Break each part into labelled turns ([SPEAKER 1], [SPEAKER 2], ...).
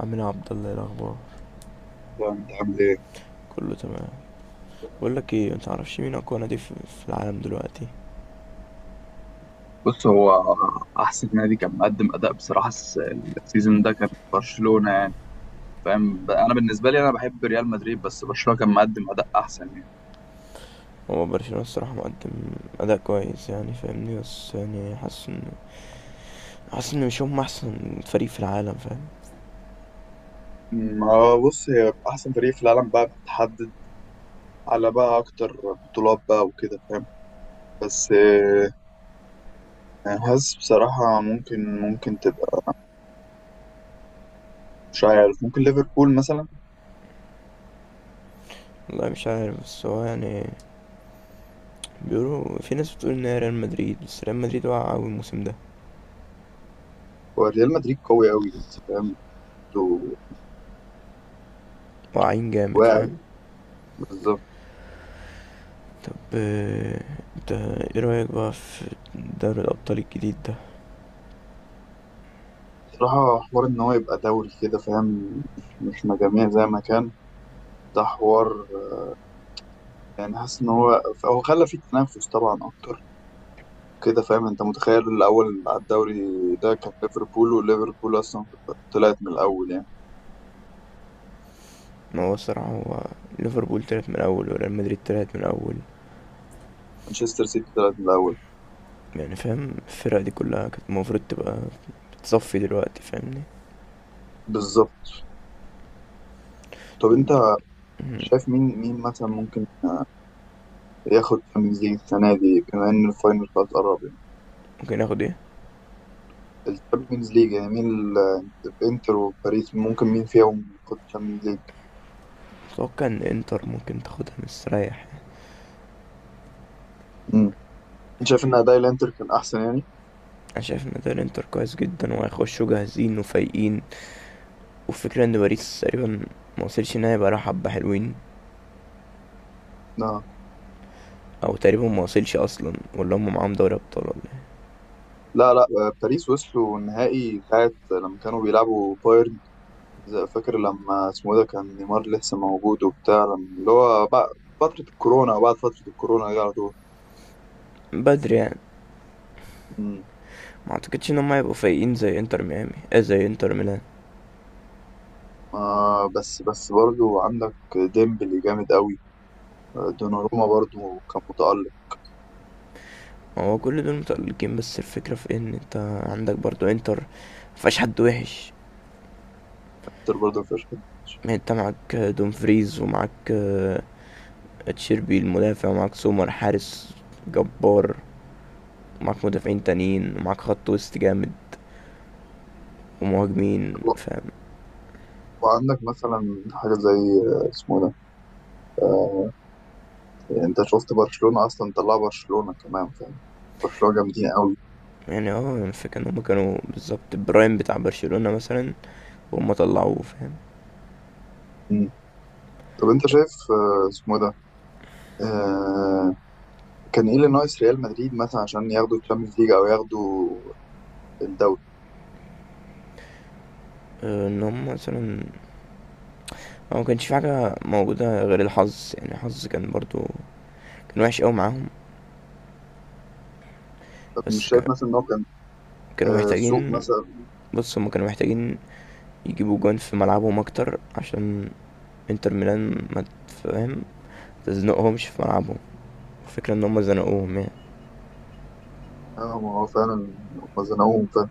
[SPEAKER 1] عمنا عبد الله، إيه الاخبار؟
[SPEAKER 2] لا، انت عامل ايه؟
[SPEAKER 1] كله تمام. بقول لك ايه، انت عارفش مين اقوى نادي في العالم دلوقتي؟
[SPEAKER 2] بص هو احسن نادي كان مقدم اداء بصراحه السيزون ده كان برشلونه يعني. فاهم انا بالنسبه لي، انا بحب ريال مدريد بس برشلونه كان مقدم اداء احسن يعني.
[SPEAKER 1] هو برشلونة الصراحة مقدم أداء كويس، يعني فاهمني، بس يعني حاسس إن مش هم أحسن فريق في العالم، فاهم.
[SPEAKER 2] ما هو بص، هي احسن فريق في العالم بقى بتحدد على بقى اكتر بطولات بقى وكده فاهم. بس انا حاسس بصراحة ممكن تبقى، مش عارف، ممكن ليفربول مثلا.
[SPEAKER 1] والله مش عارف، بس هو يعني بيقولوا في ناس بتقول إن هي ريال مدريد، بس ريال مدريد واقع أوي الموسم ده،
[SPEAKER 2] هو ريال مدريد قوي قوي بس فاهم. انتوا
[SPEAKER 1] واقعين جامد،
[SPEAKER 2] واعي.
[SPEAKER 1] فاهم.
[SPEAKER 2] بالظبط.
[SPEAKER 1] طب، انت ايه رأيك بقى في دوري الأبطال الجديد ده؟
[SPEAKER 2] بصراحة حوار إن هو يبقى دوري كده فاهم. إحنا جميع زي ما كان. ده حوار يعني، حاسس إن هو خلى فيه تنافس طبعا أكتر كده فاهم. أنت متخيل الأول على الدوري ده كان ليفربول، وليفربول أصلا طلعت من الأول يعني.
[SPEAKER 1] ما هو الصراحة، هو ليفربول طلعت من الأول وريال مدريد طلعت من الأول،
[SPEAKER 2] مانشستر سيتي طلعت من الأول.
[SPEAKER 1] يعني فاهم، الفرق دي كلها كانت المفروض تبقى بتصفي دلوقتي، فاهمني.
[SPEAKER 2] بالظبط. طب أنت
[SPEAKER 1] ب-
[SPEAKER 2] شايف مين مثلا ممكن ياخد تشامبيونز ليج السنة دي، بما إن الفاينل خلاص قرب يعني.
[SPEAKER 1] ممكن اخد ايه؟
[SPEAKER 2] التشامبيونز ليج يعني، مين الإنتر وباريس؟ ممكن مين فيهم ياخد تشامبيونز ليج؟
[SPEAKER 1] اتوقع ان انتر ممكن تاخدها مستريح.
[SPEAKER 2] انت شايف ان اداء الانتر كان احسن يعني.
[SPEAKER 1] انا شايف ان ده الانتر كويس جدا، وهيخشوا جاهزين وفايقين. وفكرة ان باريس تقريبا ما وصلش، ان هي بقى حبة حلوين،
[SPEAKER 2] لا
[SPEAKER 1] او تقريبا ما وصلش اصلا، ولا هم معاهم دوري ابطال ولا إيه.
[SPEAKER 2] لا لا، باريس وصلوا النهائي ساعة لما كانوا بيلعبوا بايرن، فاكر لما اسمه إيه ده، كان نيمار لسه موجود وبتاع، اللي هو بعد فترة الكورونا، وبعد فترة الكورونا دي على طول.
[SPEAKER 1] بدري يعني.
[SPEAKER 2] مم.
[SPEAKER 1] ما اعتقدش ان هم هيبقوا فايقين زي انتر ميامي، زي انتر ميلان.
[SPEAKER 2] بس برضو عندك ديمبلي جامد قوي. دوناروما برضو كان متألق.
[SPEAKER 1] ما هو كل دول متألقين، بس الفكرة في ان انت عندك برضو انتر، مفيهاش حد وحش.
[SPEAKER 2] كتير برضو في،
[SPEAKER 1] ما انت معاك دومفريز، ومعاك تشيربي المدافع، ومعاك سومر حارس جبار، ومعاك مدافعين تانيين، ومعاك خط وسط جامد ومهاجمين، فاهم.
[SPEAKER 2] وعندك مثلا حاجة زي اسمه إيه ده، آه، يعني انت شفت برشلونة، اصلا طلع برشلونة كمان فاهم. برشلونة جامدين قوي.
[SPEAKER 1] يعني الفكرة ان هما كانوا بالظبط برايم بتاع برشلونة مثلا، وهم طلعوه، فاهم.
[SPEAKER 2] طب انت شايف، اسمه إيه ده، آه كان ايه اللي ناقص ريال مدريد مثلا عشان ياخدوا الشامبيونز ليج او ياخدوا الدوري؟
[SPEAKER 1] ان هم مثلا هو ما كانش في حاجة موجودة غير الحظ، يعني الحظ كان برضو كان وحش قوي معاهم.
[SPEAKER 2] طب مش
[SPEAKER 1] بس
[SPEAKER 2] شايف مثلا ان هو كان
[SPEAKER 1] كانوا
[SPEAKER 2] سوق
[SPEAKER 1] محتاجين.
[SPEAKER 2] مثلا؟
[SPEAKER 1] بص، هم كانوا محتاجين يجيبوا جون في ملعبهم اكتر، عشان انتر ميلان ما تزنقهمش في ملعبهم. الفكرة ان هما زنقوهم يعني.
[SPEAKER 2] اه، ما هو فعلا هم زنقوهم فعلا.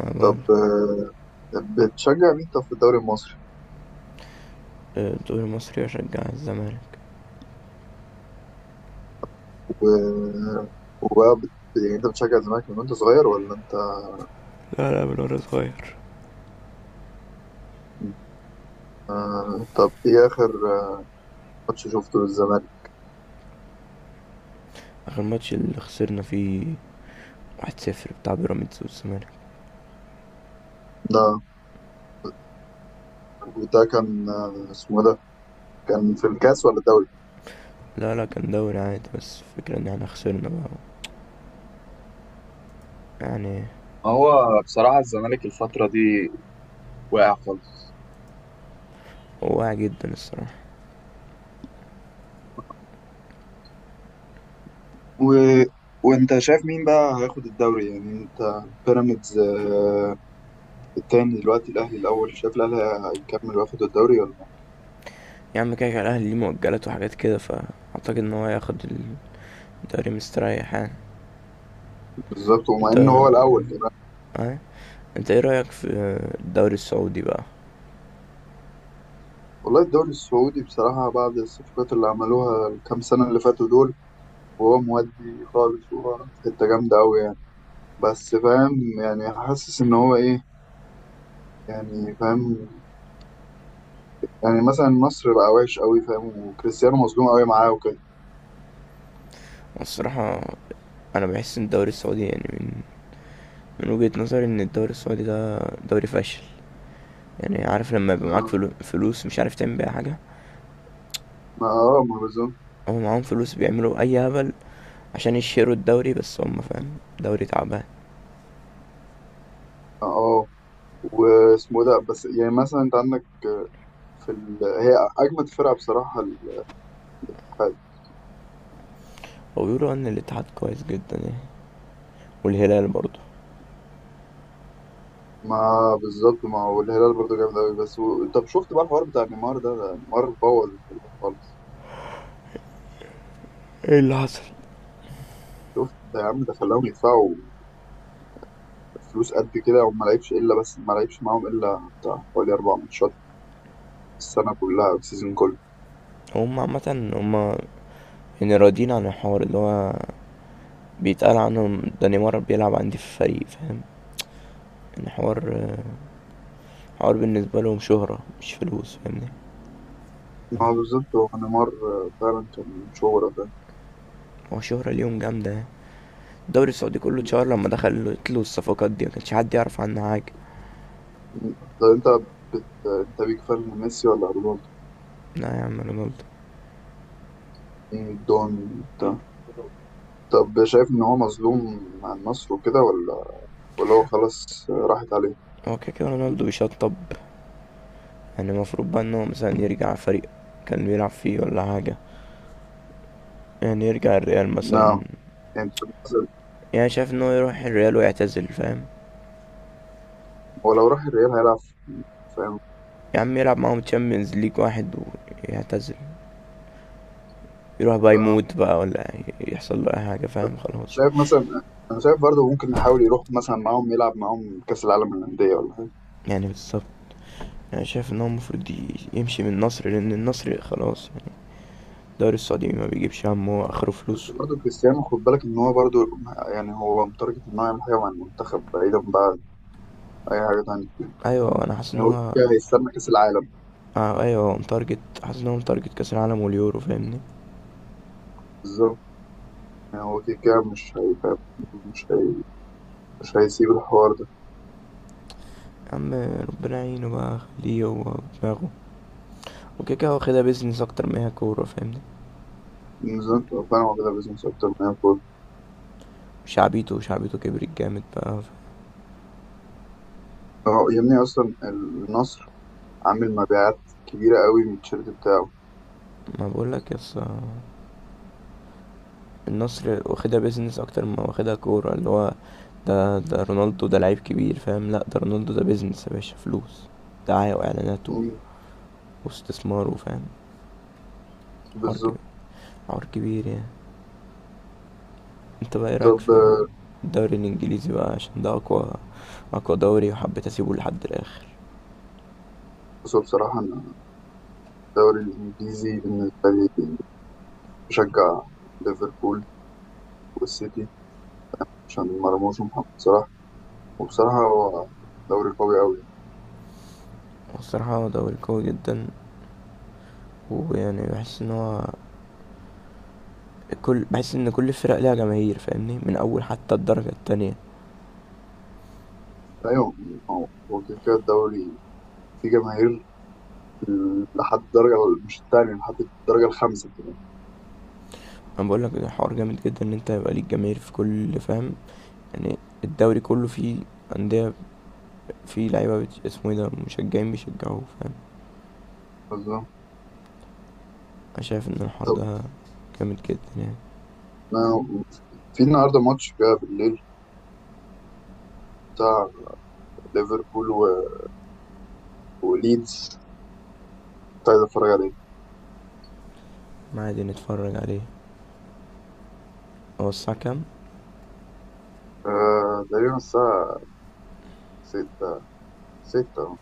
[SPEAKER 1] ما بقول.
[SPEAKER 2] طب بتشجع مين، طب، في الدوري المصري؟
[SPEAKER 1] الدوري المصري اشجع الزمالك.
[SPEAKER 2] و... وبقى بت... يعني انت بتشجع الزمالك من وانت صغير، ولا انت؟
[SPEAKER 1] لا، لا، من وانا صغير.
[SPEAKER 2] طب ايه اخر آه، ماتش شفته للزمالك؟
[SPEAKER 1] اخر ماتش اللي خسرنا فيه 1-0، بتاع بيراميدز والزمالك.
[SPEAKER 2] ده، وده كان آه اسمه إيه ده كان في الكاس ولا الدوري؟
[SPEAKER 1] لا، لا، كان دوري عادي، بس الفكرة ان احنا خسرنا بقى، يعني.
[SPEAKER 2] هو بصراحة الزمالك الفترة دي واقع خالص.
[SPEAKER 1] هو واعي جدا الصراحة.
[SPEAKER 2] و... وانت شايف مين بقى هياخد الدوري؟ يعني انت، بيراميدز التاني دلوقتي، الاهلي الاول، شايف الاهلي هيكمل وياخد الدوري ولا لا؟
[SPEAKER 1] يا عم، كده كده الاهلي ليه مؤجلات وحاجات كده، فاعتقد ان هو هياخد الدوري مستريح يعني.
[SPEAKER 2] بالظبط، ومع
[SPEAKER 1] انت
[SPEAKER 2] ان هو
[SPEAKER 1] اه
[SPEAKER 2] الاول كمان.
[SPEAKER 1] انت ايه رايك في الدوري السعودي بقى؟
[SPEAKER 2] والله الدوري السعودي بصراحة، بعد الصفقات اللي عملوها الكام سنة اللي فاتوا دول، وهو مودي خالص وهو في حتة جامدة أوي يعني. بس فاهم يعني، حاسس إن هو إيه، يعني فاهم، يعني مثلا النصر بقى وحش أوي فاهم، وكريستيانو مظلوم أوي معاه وكده.
[SPEAKER 1] الصراحة انا بحس ان الدوري السعودي يعني، من وجهة نظري ان الدوري السعودي ده دوري فاشل. يعني عارف لما يبقى معاك
[SPEAKER 2] ما-
[SPEAKER 1] فلوس مش عارف تعمل بيها حاجة.
[SPEAKER 2] اه، ما بالظبط.
[SPEAKER 1] هو معاهم فلوس بيعملوا اي هبل عشان يشيروا الدوري، بس هم فاهم دوري تعبان.
[SPEAKER 2] اه، واسمه ده، بس يعني مثلا انت عندك هي اجمد فرقه بصراحه، الاتحاد.
[SPEAKER 1] وبيقولوا ان الاتحاد كويس جدا يعني، والهلال برضه.
[SPEAKER 2] ما بالظبط، ما هو الهلال برضه جامد قوي بس. طب شفت بقى الحوار بتاع نيمار ده، ده نيمار بوظ الهلال خالص؟
[SPEAKER 1] ايه اللي حصل؟
[SPEAKER 2] شفت ده يا عم؟ ده خلاهم يدفعوا فلوس قد كده، وما لعبش الا، بس ما لعبش معاهم الا بتاع حوالي 4 ماتشات، السنه كلها أو السيزون كله.
[SPEAKER 1] هم عامة، هم يعني راضيين عن الحوار اللي هو بيتقال عنهم، ده نيمار بيلعب عندي في الفريق، فاهم. الحوار حوار بالنسبة لهم شهرة مش فلوس، فاهمني.
[SPEAKER 2] ما هو بالظبط، هو نيمار فعلا كان شهرة ده.
[SPEAKER 1] هو شهرة ليهم جامدة يعني، الدوري السعودي كله اتشهر لما دخلت له الصفقات دي، ما كانش حد يعرف عنها حاجه.
[SPEAKER 2] طب انت انت بيك فان ميسي ولا رونالدو؟
[SPEAKER 1] لا يا عم، رونالدو.
[SPEAKER 2] مين دون؟ طب شايف إن هو مظلوم مع النصر وكده، ولا هو خلاص راحت عليه؟
[SPEAKER 1] هو كده كده رونالدو بيشطب، يعني المفروض بقى ان هو مثلا يرجع فريق كان بيلعب فيه ولا حاجه، يعني يرجع الريال مثلا.
[SPEAKER 2] نعم. يعني شايف مثلا،
[SPEAKER 1] يعني شايف ان هو يروح الريال ويعتزل، فاهم.
[SPEAKER 2] هو لو راح الريال هيلعب، فاهم.
[SPEAKER 1] يا عم، يلعب معاهم تشامبيونز ليج واحد ويعتزل، يروح بقى
[SPEAKER 2] آه.
[SPEAKER 1] يموت بقى، ولا يحصل له اي حاجه، فاهم، خلاص.
[SPEAKER 2] شايف مثلا، أنا شايف برضه ممكن نحاول يروح مثلا معاهم، يلعب معاهم كأس العالم للأندية ولا حاجة.
[SPEAKER 1] يعني بالظبط، يعني شايف ان هو المفروض يمشي من النصر، لان النصر خلاص يعني، الدوري السعودي ما بيجيبش همه اخره
[SPEAKER 2] بس
[SPEAKER 1] فلوس.
[SPEAKER 2] برضه كريستيانو خد بالك إن هو برضه، يعني هو متارجت إن هو يعمل حاجة مع المنتخب، بعيدا بقى عن أي حاجة تانية.
[SPEAKER 1] ايوه، انا حاسس ان
[SPEAKER 2] يعني هو
[SPEAKER 1] هو
[SPEAKER 2] كده هيستنى كأس العالم.
[SPEAKER 1] ايوه هو متارجت، حاسس ان هو متارجت كاس العالم واليورو، فاهمني.
[SPEAKER 2] بالظبط. يعني هو كده كده مش هيبقى، مش هي... مش هيسيب الحوار ده.
[SPEAKER 1] يا عم، ربنا يعينه بقى، خليه هو دماغه، وكده كده واخدها بيزنس اكتر ما هي كوره، فاهمني.
[SPEAKER 2] نزلت فاهم، كده بيزنس أكتر من أي.
[SPEAKER 1] شعبيته كبرت جامد بقى
[SPEAKER 2] اه، يا ابني اصلا النصر عامل مبيعات كبيره قوي من التيشيرت بتاعه.
[SPEAKER 1] ما بقول لك، يس، النصر واخدها بيزنس اكتر ما واخدها كوره، اللي هو ده رونالدو ده لعيب كبير، فاهم، لا ده رونالدو ده بيزنس، يا باشا، فلوس دعاية واعلانات
[SPEAKER 2] مم،
[SPEAKER 1] واستثمار، وفاهم. حوار كبير،
[SPEAKER 2] بالظبط.
[SPEAKER 1] حوار كبير يعني. انت بقى ايه رايك
[SPEAKER 2] طب
[SPEAKER 1] في الدوري الانجليزي بقى، عشان ده اقوى، اقوى دوري، وحبيت اسيبه لحد الاخر.
[SPEAKER 2] بصوا بصراحه انا، الدوري الانجليزي بالنسبه لي بشجع ليفربول والسيتي، عشان مرموش ومحمد صلاح، وبصراحه هو دوري قوي قوي.
[SPEAKER 1] والصراحه هو دوري قوي جدا، ويعني بحس ان هو بحس ان كل الفرق ليها جماهير، فاهمني، من اول حتى الدرجه التانية.
[SPEAKER 2] ايوه، هو كده كده الدوري فيه جماهير لحد الدرجه، مش التانية، لحد الدرجه الخامسه كده.
[SPEAKER 1] انا بقول لك الحوار جامد جدا، ان انت يبقى ليك جماهير في كل، فاهم يعني. الدوري كله فيه انديه، فيه لعيبه، اسمه ايه ده، مشجعين بيشجعوه، فاهم.
[SPEAKER 2] بالظبط.
[SPEAKER 1] انا شايف ان الحوار
[SPEAKER 2] طب
[SPEAKER 1] ده جامد جدا يعني.
[SPEAKER 2] ما- في النهارده ماتش كده بالليل، بتاع ليفربول وليدز، كنت عايز اتفرج عليه.
[SPEAKER 1] ما عادي نتفرج عليه، هو الساعه كام؟
[SPEAKER 2] تقريبا الساعة 6. أهو.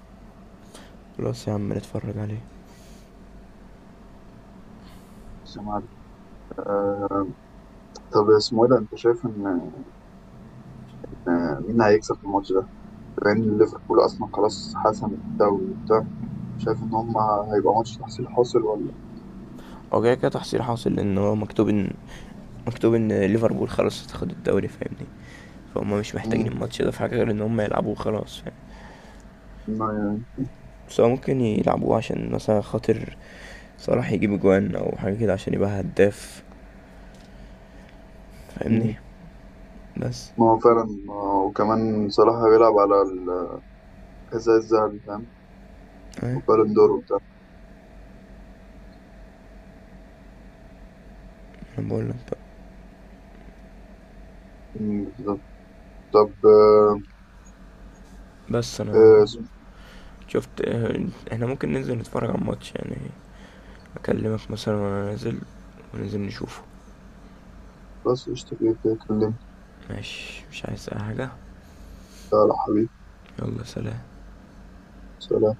[SPEAKER 1] خلاص يا عم، نتفرج عليه.
[SPEAKER 2] مش عارف. آه طب اسمه ايه ده، انت شايف ان، مين هيكسب في الماتش ده؟ لأن ليفربول أصلا خلاص حسمت الدوري وبتاع، شايف ان هم هيبقى ماتش تحصيل حاصل ولا؟
[SPEAKER 1] هو كده كده تحصيل حاصل، لان هو مكتوب ان ليفربول خلاص هتاخد الدوري، فاهمني. فهم مش محتاجين
[SPEAKER 2] مم.
[SPEAKER 1] الماتش ده في حاجه غير ان هم يلعبوه، خلاص فاهم.
[SPEAKER 2] ما يعني،
[SPEAKER 1] بس هو ممكن يلعبوه عشان مثلا خاطر صلاح، يجيب اجوان او حاجه كده عشان يبقى هداف، فاهمني.
[SPEAKER 2] مم.
[SPEAKER 1] بس
[SPEAKER 2] ما هو فعلا، وكمان صلاح بيلعب على الحذاء الذهبي فاهم؟
[SPEAKER 1] ايه،
[SPEAKER 2] وبالون دور وبتاع.
[SPEAKER 1] انا بقول لك بقى.
[SPEAKER 2] مم، بالظبط. طب
[SPEAKER 1] بس انا
[SPEAKER 2] آه، اسمه-
[SPEAKER 1] شفت، احنا ممكن ننزل نتفرج على الماتش يعني، اكلمك مثلا وانا نازل، وننزل نشوفه.
[SPEAKER 2] بس اشتكيت كده، اتكلمت.
[SPEAKER 1] ماشي، مش عايز اي حاجه.
[SPEAKER 2] يلا حبيبي.
[SPEAKER 1] يلا سلام.
[SPEAKER 2] سلام.